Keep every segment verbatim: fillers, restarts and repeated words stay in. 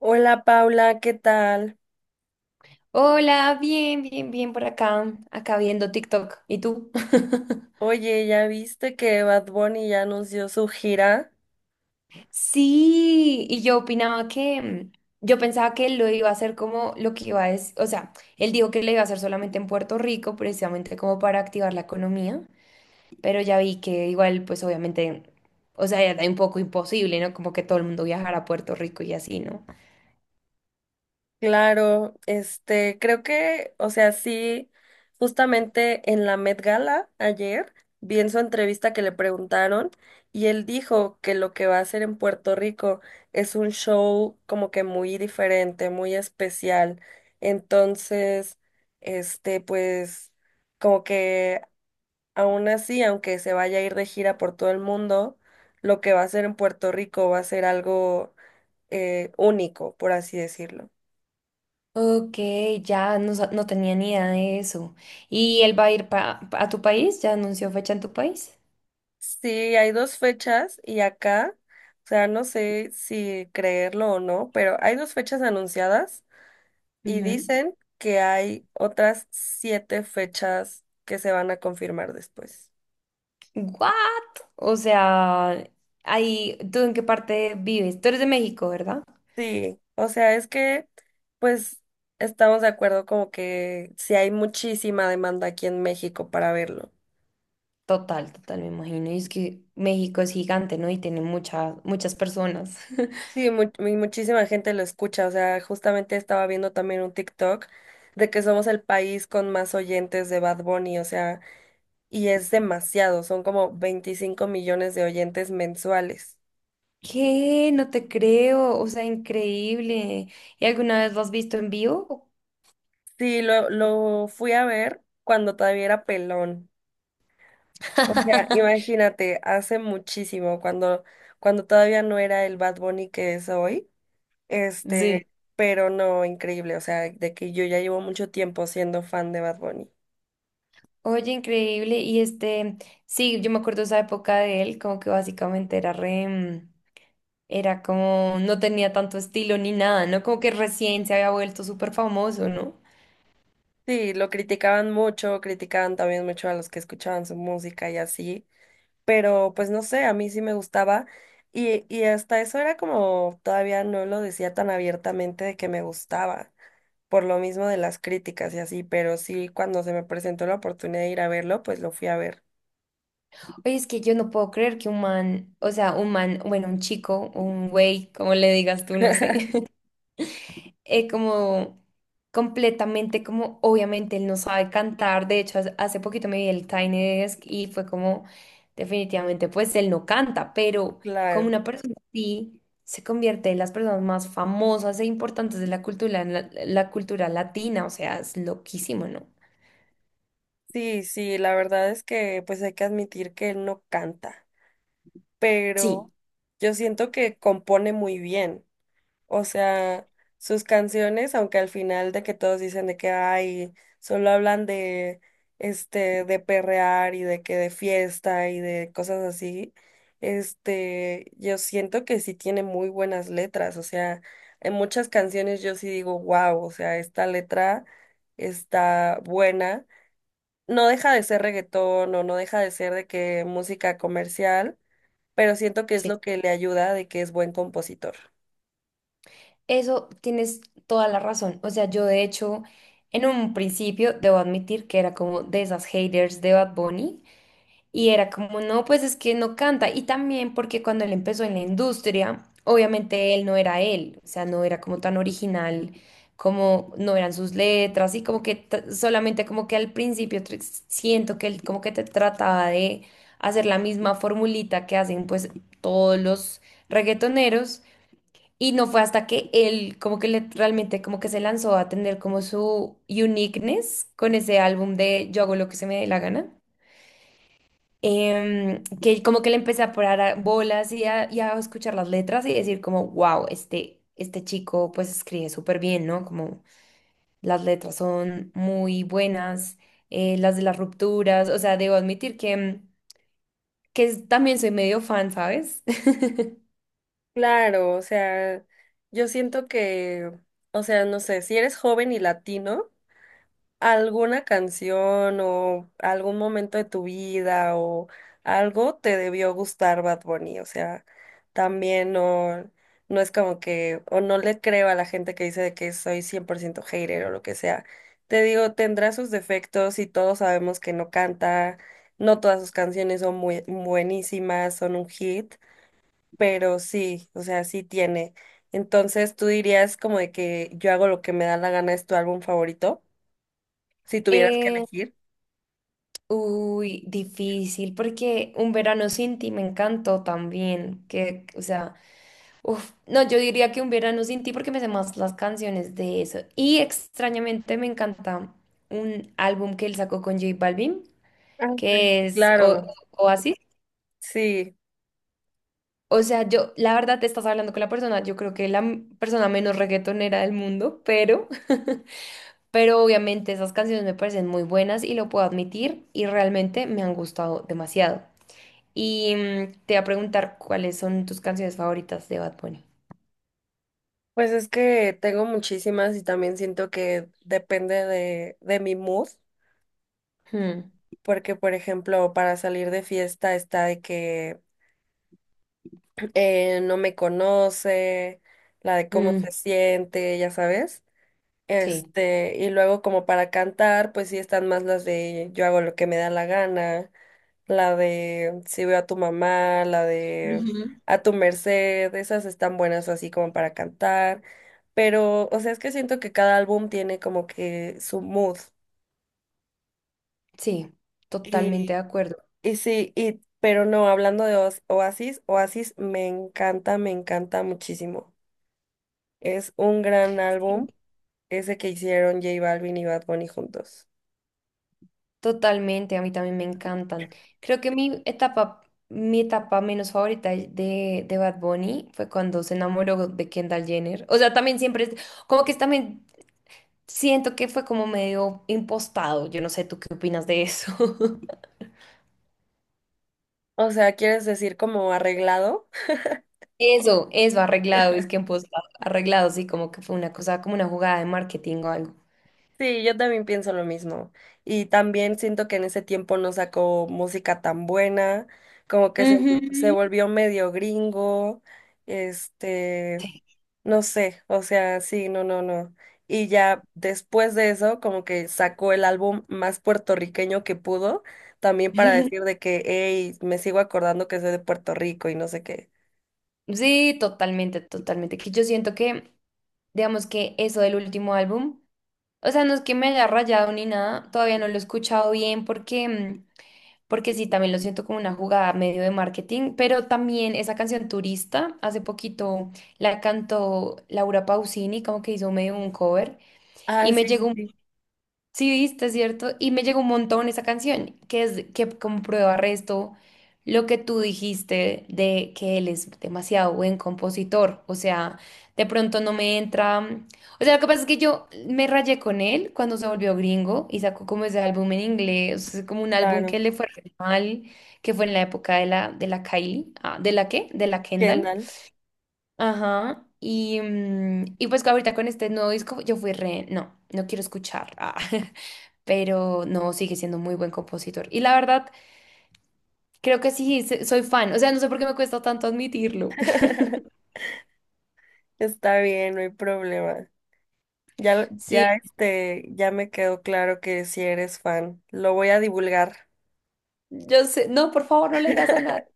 Hola Paula, ¿qué tal? Hola, bien, bien, bien por acá, acá viendo TikTok. ¿Y tú? Oye, ¿ya viste que Bad Bunny ya anunció su gira? Sí, y yo opinaba que, mm, yo pensaba que lo iba a hacer como lo que iba a decir, o sea, él dijo que lo iba a hacer solamente en Puerto Rico, precisamente como para activar la economía, pero ya vi que igual, pues obviamente, o sea, ya era un poco imposible, ¿no? Como que todo el mundo viajara a Puerto Rico y así, ¿no? Claro, este, creo que, o sea, sí, justamente en la Met Gala ayer vi en su entrevista que le preguntaron y él dijo que lo que va a hacer en Puerto Rico es un show como que muy diferente, muy especial. Entonces, este, pues como que aún así, aunque se vaya a ir de gira por todo el mundo, lo que va a hacer en Puerto Rico va a ser algo eh, único, por así decirlo. Ok, ya no, sa- no tenía ni idea de eso. ¿Y él va a ir pa- pa- a tu país? ¿Ya anunció fecha en tu país? Sí, hay dos fechas y acá, o sea, no sé si creerlo o no, pero hay dos fechas anunciadas y Ujú. dicen que hay otras siete fechas que se van a confirmar después. ¿What? O sea, ahí, ¿tú en qué parte vives? Tú eres de México, ¿verdad? Sí, o sea, es que, pues, estamos de acuerdo como que si hay muchísima demanda aquí en México para verlo. Total, total, me imagino. Y es que México es gigante, ¿no? Y tiene muchas, muchas personas. Sí, mu- mu- muchísima gente lo escucha. O sea, justamente estaba viendo también un TikTok de que somos el país con más oyentes de Bad Bunny. O sea, y es demasiado. Son como veinticinco millones de oyentes mensuales. ¿Qué? No te creo. O sea, increíble. ¿Y alguna vez lo has visto en vivo? Sí, lo, lo fui a ver cuando todavía era pelón. O sea, imagínate, hace muchísimo, cuando, cuando todavía no era el Bad Bunny que es hoy. Sí. Este, pero no, increíble. O sea, de que yo ya llevo mucho tiempo siendo fan de Bad Bunny. Oye, increíble. Y este, sí, yo me acuerdo esa época de él, como que básicamente era re, mm, era como, no tenía tanto estilo ni nada, ¿no? Como que recién se había vuelto súper famoso, ¿no? Sí, lo criticaban mucho, criticaban también mucho a los que escuchaban su música y así, pero pues no sé, a mí sí me gustaba y, y hasta eso era como todavía no lo decía tan abiertamente de que me gustaba, por lo mismo de las críticas y así, pero sí cuando se me presentó la oportunidad de ir a verlo, pues lo fui a ver. Oye, es que yo no puedo creer que un man, o sea, un man, bueno, un chico, un güey, como le digas tú, no sé, eh, como completamente como obviamente él no sabe cantar, de hecho hace hace poquito me vi el Tiny Desk y fue como definitivamente pues él no canta, pero como Claro, una persona así se convierte en las personas más famosas e importantes de la cultura, la, la cultura latina, o sea, es loquísimo, ¿no? sí, sí, la verdad es que pues hay que admitir que él no canta, pero Sí, yo siento que compone muy bien. O sea, sus canciones, aunque al final de que todos dicen de que ay solo hablan de este, de perrear y de que de fiesta y de cosas así, este, yo siento que sí tiene muy buenas letras. O sea, en muchas canciones yo sí digo, wow, o sea, esta letra está buena. No deja de ser reggaetón o no deja de ser de que música comercial, pero siento que es sí. lo que le ayuda de que es buen compositor. Eso tienes toda la razón. O sea, yo de hecho, en un principio, debo admitir que era como de esas haters de Bad Bunny, y era como, no, pues es que no canta. Y también porque cuando él empezó en la industria, obviamente él no era él, o sea, no era como tan original, como no eran sus letras y como que t- solamente como que al principio tr- siento que él como que te trataba de hacer la misma formulita que hacen pues todos los reggaetoneros. Y no fue hasta que él como que le, realmente como que se lanzó a tener como su uniqueness con ese álbum de Yo hago lo que se me dé la gana, em, que como que le empecé a parar a- bolas y a, y a escuchar las letras y decir como, wow, este, este chico pues escribe súper bien, ¿no? Como las letras son muy buenas, eh, las de las rupturas, o sea, debo admitir que, mm, que es- también soy medio fan, ¿sabes? Claro, o sea, yo siento que, o sea, no sé, si eres joven y latino, alguna canción o algún momento de tu vida o algo te debió gustar Bad Bunny, o sea, también no, no es como que, o no le creo a la gente que dice de que soy cien por ciento hater o lo que sea. Te digo, tendrá sus defectos y todos sabemos que no canta, no todas sus canciones son muy buenísimas, son un hit pero sí, o sea, sí tiene. Entonces, ¿tú dirías como de que yo hago lo que me da la gana es tu álbum favorito? Si tuvieras que Eh, elegir. uy, difícil, porque Un verano sin ti me encantó también, que, o sea... Uf, no, yo diría que un verano sin ti porque me sé más las canciones de eso. Y extrañamente me encanta un álbum que él sacó con J Balvin, Ah, que sí, es O- claro, Oasis. sí. O sea, yo, la verdad, te estás hablando con la persona, yo creo que la m- persona menos reggaetonera del mundo, pero, pero obviamente esas canciones me parecen muy buenas y lo puedo admitir y realmente me han gustado demasiado. Y mm, te voy a preguntar cuáles son tus canciones favoritas de Bad Bunny. Pues es que tengo muchísimas y también siento que depende de, de mi mood, Hmm, porque por ejemplo, para salir de fiesta está de que eh, no me conoce, la de cómo mm, se siente, ya sabes. sí. Este, y luego como para cantar, pues sí están más las de yo hago lo que me da la gana, la de si veo a tu mamá, la de a tu merced, esas están buenas así como para cantar, pero o sea, es que siento que cada álbum tiene como que su mood. Sí, totalmente Y, de acuerdo. y sí, y pero no, hablando de Oas- Oasis, Oasis me encanta, me encanta muchísimo. Es un gran Sí. álbum ese que hicieron J Balvin y Bad Bunny juntos. Totalmente, a mí también me encantan. Creo que mi etapa, mi etapa menos favorita de, de Bad Bunny fue cuando se enamoró de Kendall Jenner. O sea, también siempre, es- como que también siento que fue como medio impostado. Yo no sé, ¿tú qué opinas de eso? O sea, ¿quieres decir como arreglado? Eso, eso, arreglado, es que impostado, arreglado, sí, como que fue una cosa, como una jugada de marketing o algo. Sí, yo también pienso lo mismo. Y también siento que en ese tiempo no sacó música tan buena, como que se, Ujú. se volvió medio gringo, este, Sí. no sé, o sea, sí, no, no, no. Y ya después de eso, como que sacó el álbum más puertorriqueño que pudo, también para decir de que, hey, me sigo acordando que soy de Puerto Rico y no sé qué. Sí, totalmente, totalmente. Que yo siento que digamos que eso del último álbum. O sea, no es que me haya rayado ni nada, todavía no lo he escuchado bien porque, mm, porque sí, también lo siento como una jugada medio de marketing, pero también esa canción Turista, hace poquito la cantó Laura Pausini, como que hizo medio un cover, Ah, y me sí, sí, llegó. sí, Sí, viste, ¿cierto? Y me llegó un montón esa canción, que es que como prueba resto lo que tú dijiste de que él es demasiado buen compositor. O sea, de pronto no me entra. O sea, lo que pasa es que yo me rayé con él cuando se volvió gringo y sacó como ese álbum en inglés, o sea, como un álbum que claro. le fue re mal, que fue en la época de la, de la Kylie. Ah, ¿de la qué? De la Kendall. Kendall. Ajá. Y, mm, y pues ahorita con este nuevo disco yo fui re, no, no quiero escuchar. Ah. Pero no, sigue siendo muy buen compositor. Y la verdad, creo que sí, se- soy fan. O sea, no sé por qué me cuesta tanto admitirlo. Está bien, no hay problema. Ya, lo- Sí, ya, este, ya me quedó claro que si eres fan. Lo voy a divulgar. yo sé, no, por favor, no le digas a nadie.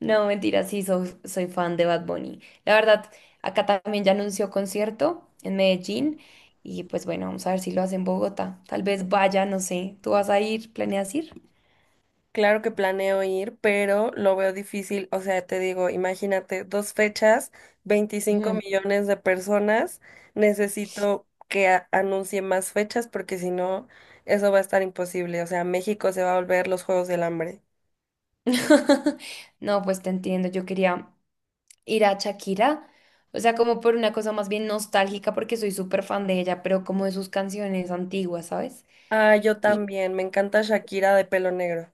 No, mentira, sí, soy, soy fan de Bad Bunny. La verdad, acá también ya anunció concierto en Medellín y pues bueno, vamos a ver si lo hace en Bogotá. Tal vez vaya, no sé, ¿tú vas a ir? ¿Planeas ir? Claro que planeo ir, pero lo veo difícil. O sea, te digo, imagínate, dos fechas, veinticinco Ujú. millones de personas. Necesito que a- anuncie más fechas porque si no, eso va a estar imposible. O sea, México se va a volver los Juegos del Hambre. No, pues te entiendo, yo quería ir a Shakira, o sea, como por una cosa más bien nostálgica, porque soy súper fan de ella, pero como de sus canciones antiguas, ¿sabes? Ah, yo Y también. Me encanta Shakira de pelo negro.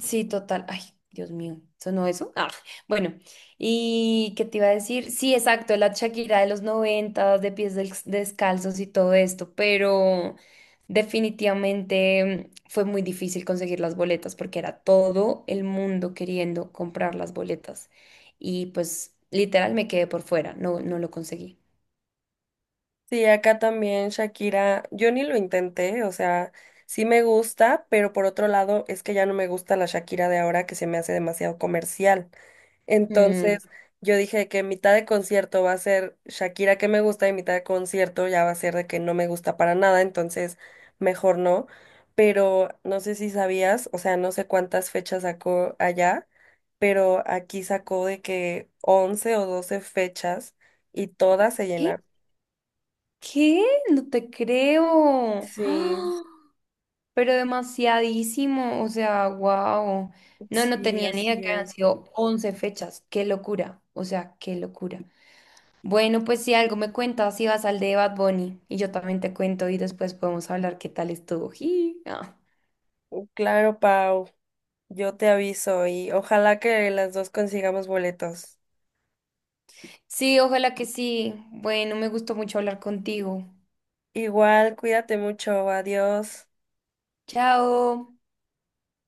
sí, total, ay, Dios mío, ¿sonó eso? Ah, bueno, ¿y qué te iba a decir? Sí, exacto, la Shakira de los noventas, de pies del- descalzos y todo esto, pero definitivamente, mm, fue muy difícil conseguir las boletas porque era todo el mundo queriendo comprar las boletas. Y pues literal me quedé por fuera, no, no lo conseguí. Sí, acá también Shakira, yo ni lo intenté, o sea, sí me gusta, pero por otro lado es que ya no me gusta la Shakira de ahora que se me hace demasiado comercial. Mm. Entonces, yo dije que mitad de concierto va a ser Shakira que me gusta y mitad de concierto ya va a ser de que no me gusta para nada, entonces mejor no. Pero no sé si sabías, o sea, no sé cuántas fechas sacó allá, pero aquí sacó de que once o doce fechas y todas se ¿Qué? llenaron. ¿Qué? No te creo. Sí. ¡Ah! Pero demasiadísimo. O sea, wow. No, no Sí, tenía ni así idea que habían es. sido once fechas. Qué locura. O sea, qué locura. Bueno, pues si algo me cuentas, si vas al de Bad Bunny y yo también te cuento y después podemos hablar qué tal estuvo. Ji, ah. Uh, Claro, Pau, yo te aviso y ojalá que las dos consigamos boletos. Sí, ojalá que sí. Bueno, me gustó mucho hablar contigo. Igual, cuídate mucho, adiós. Chao.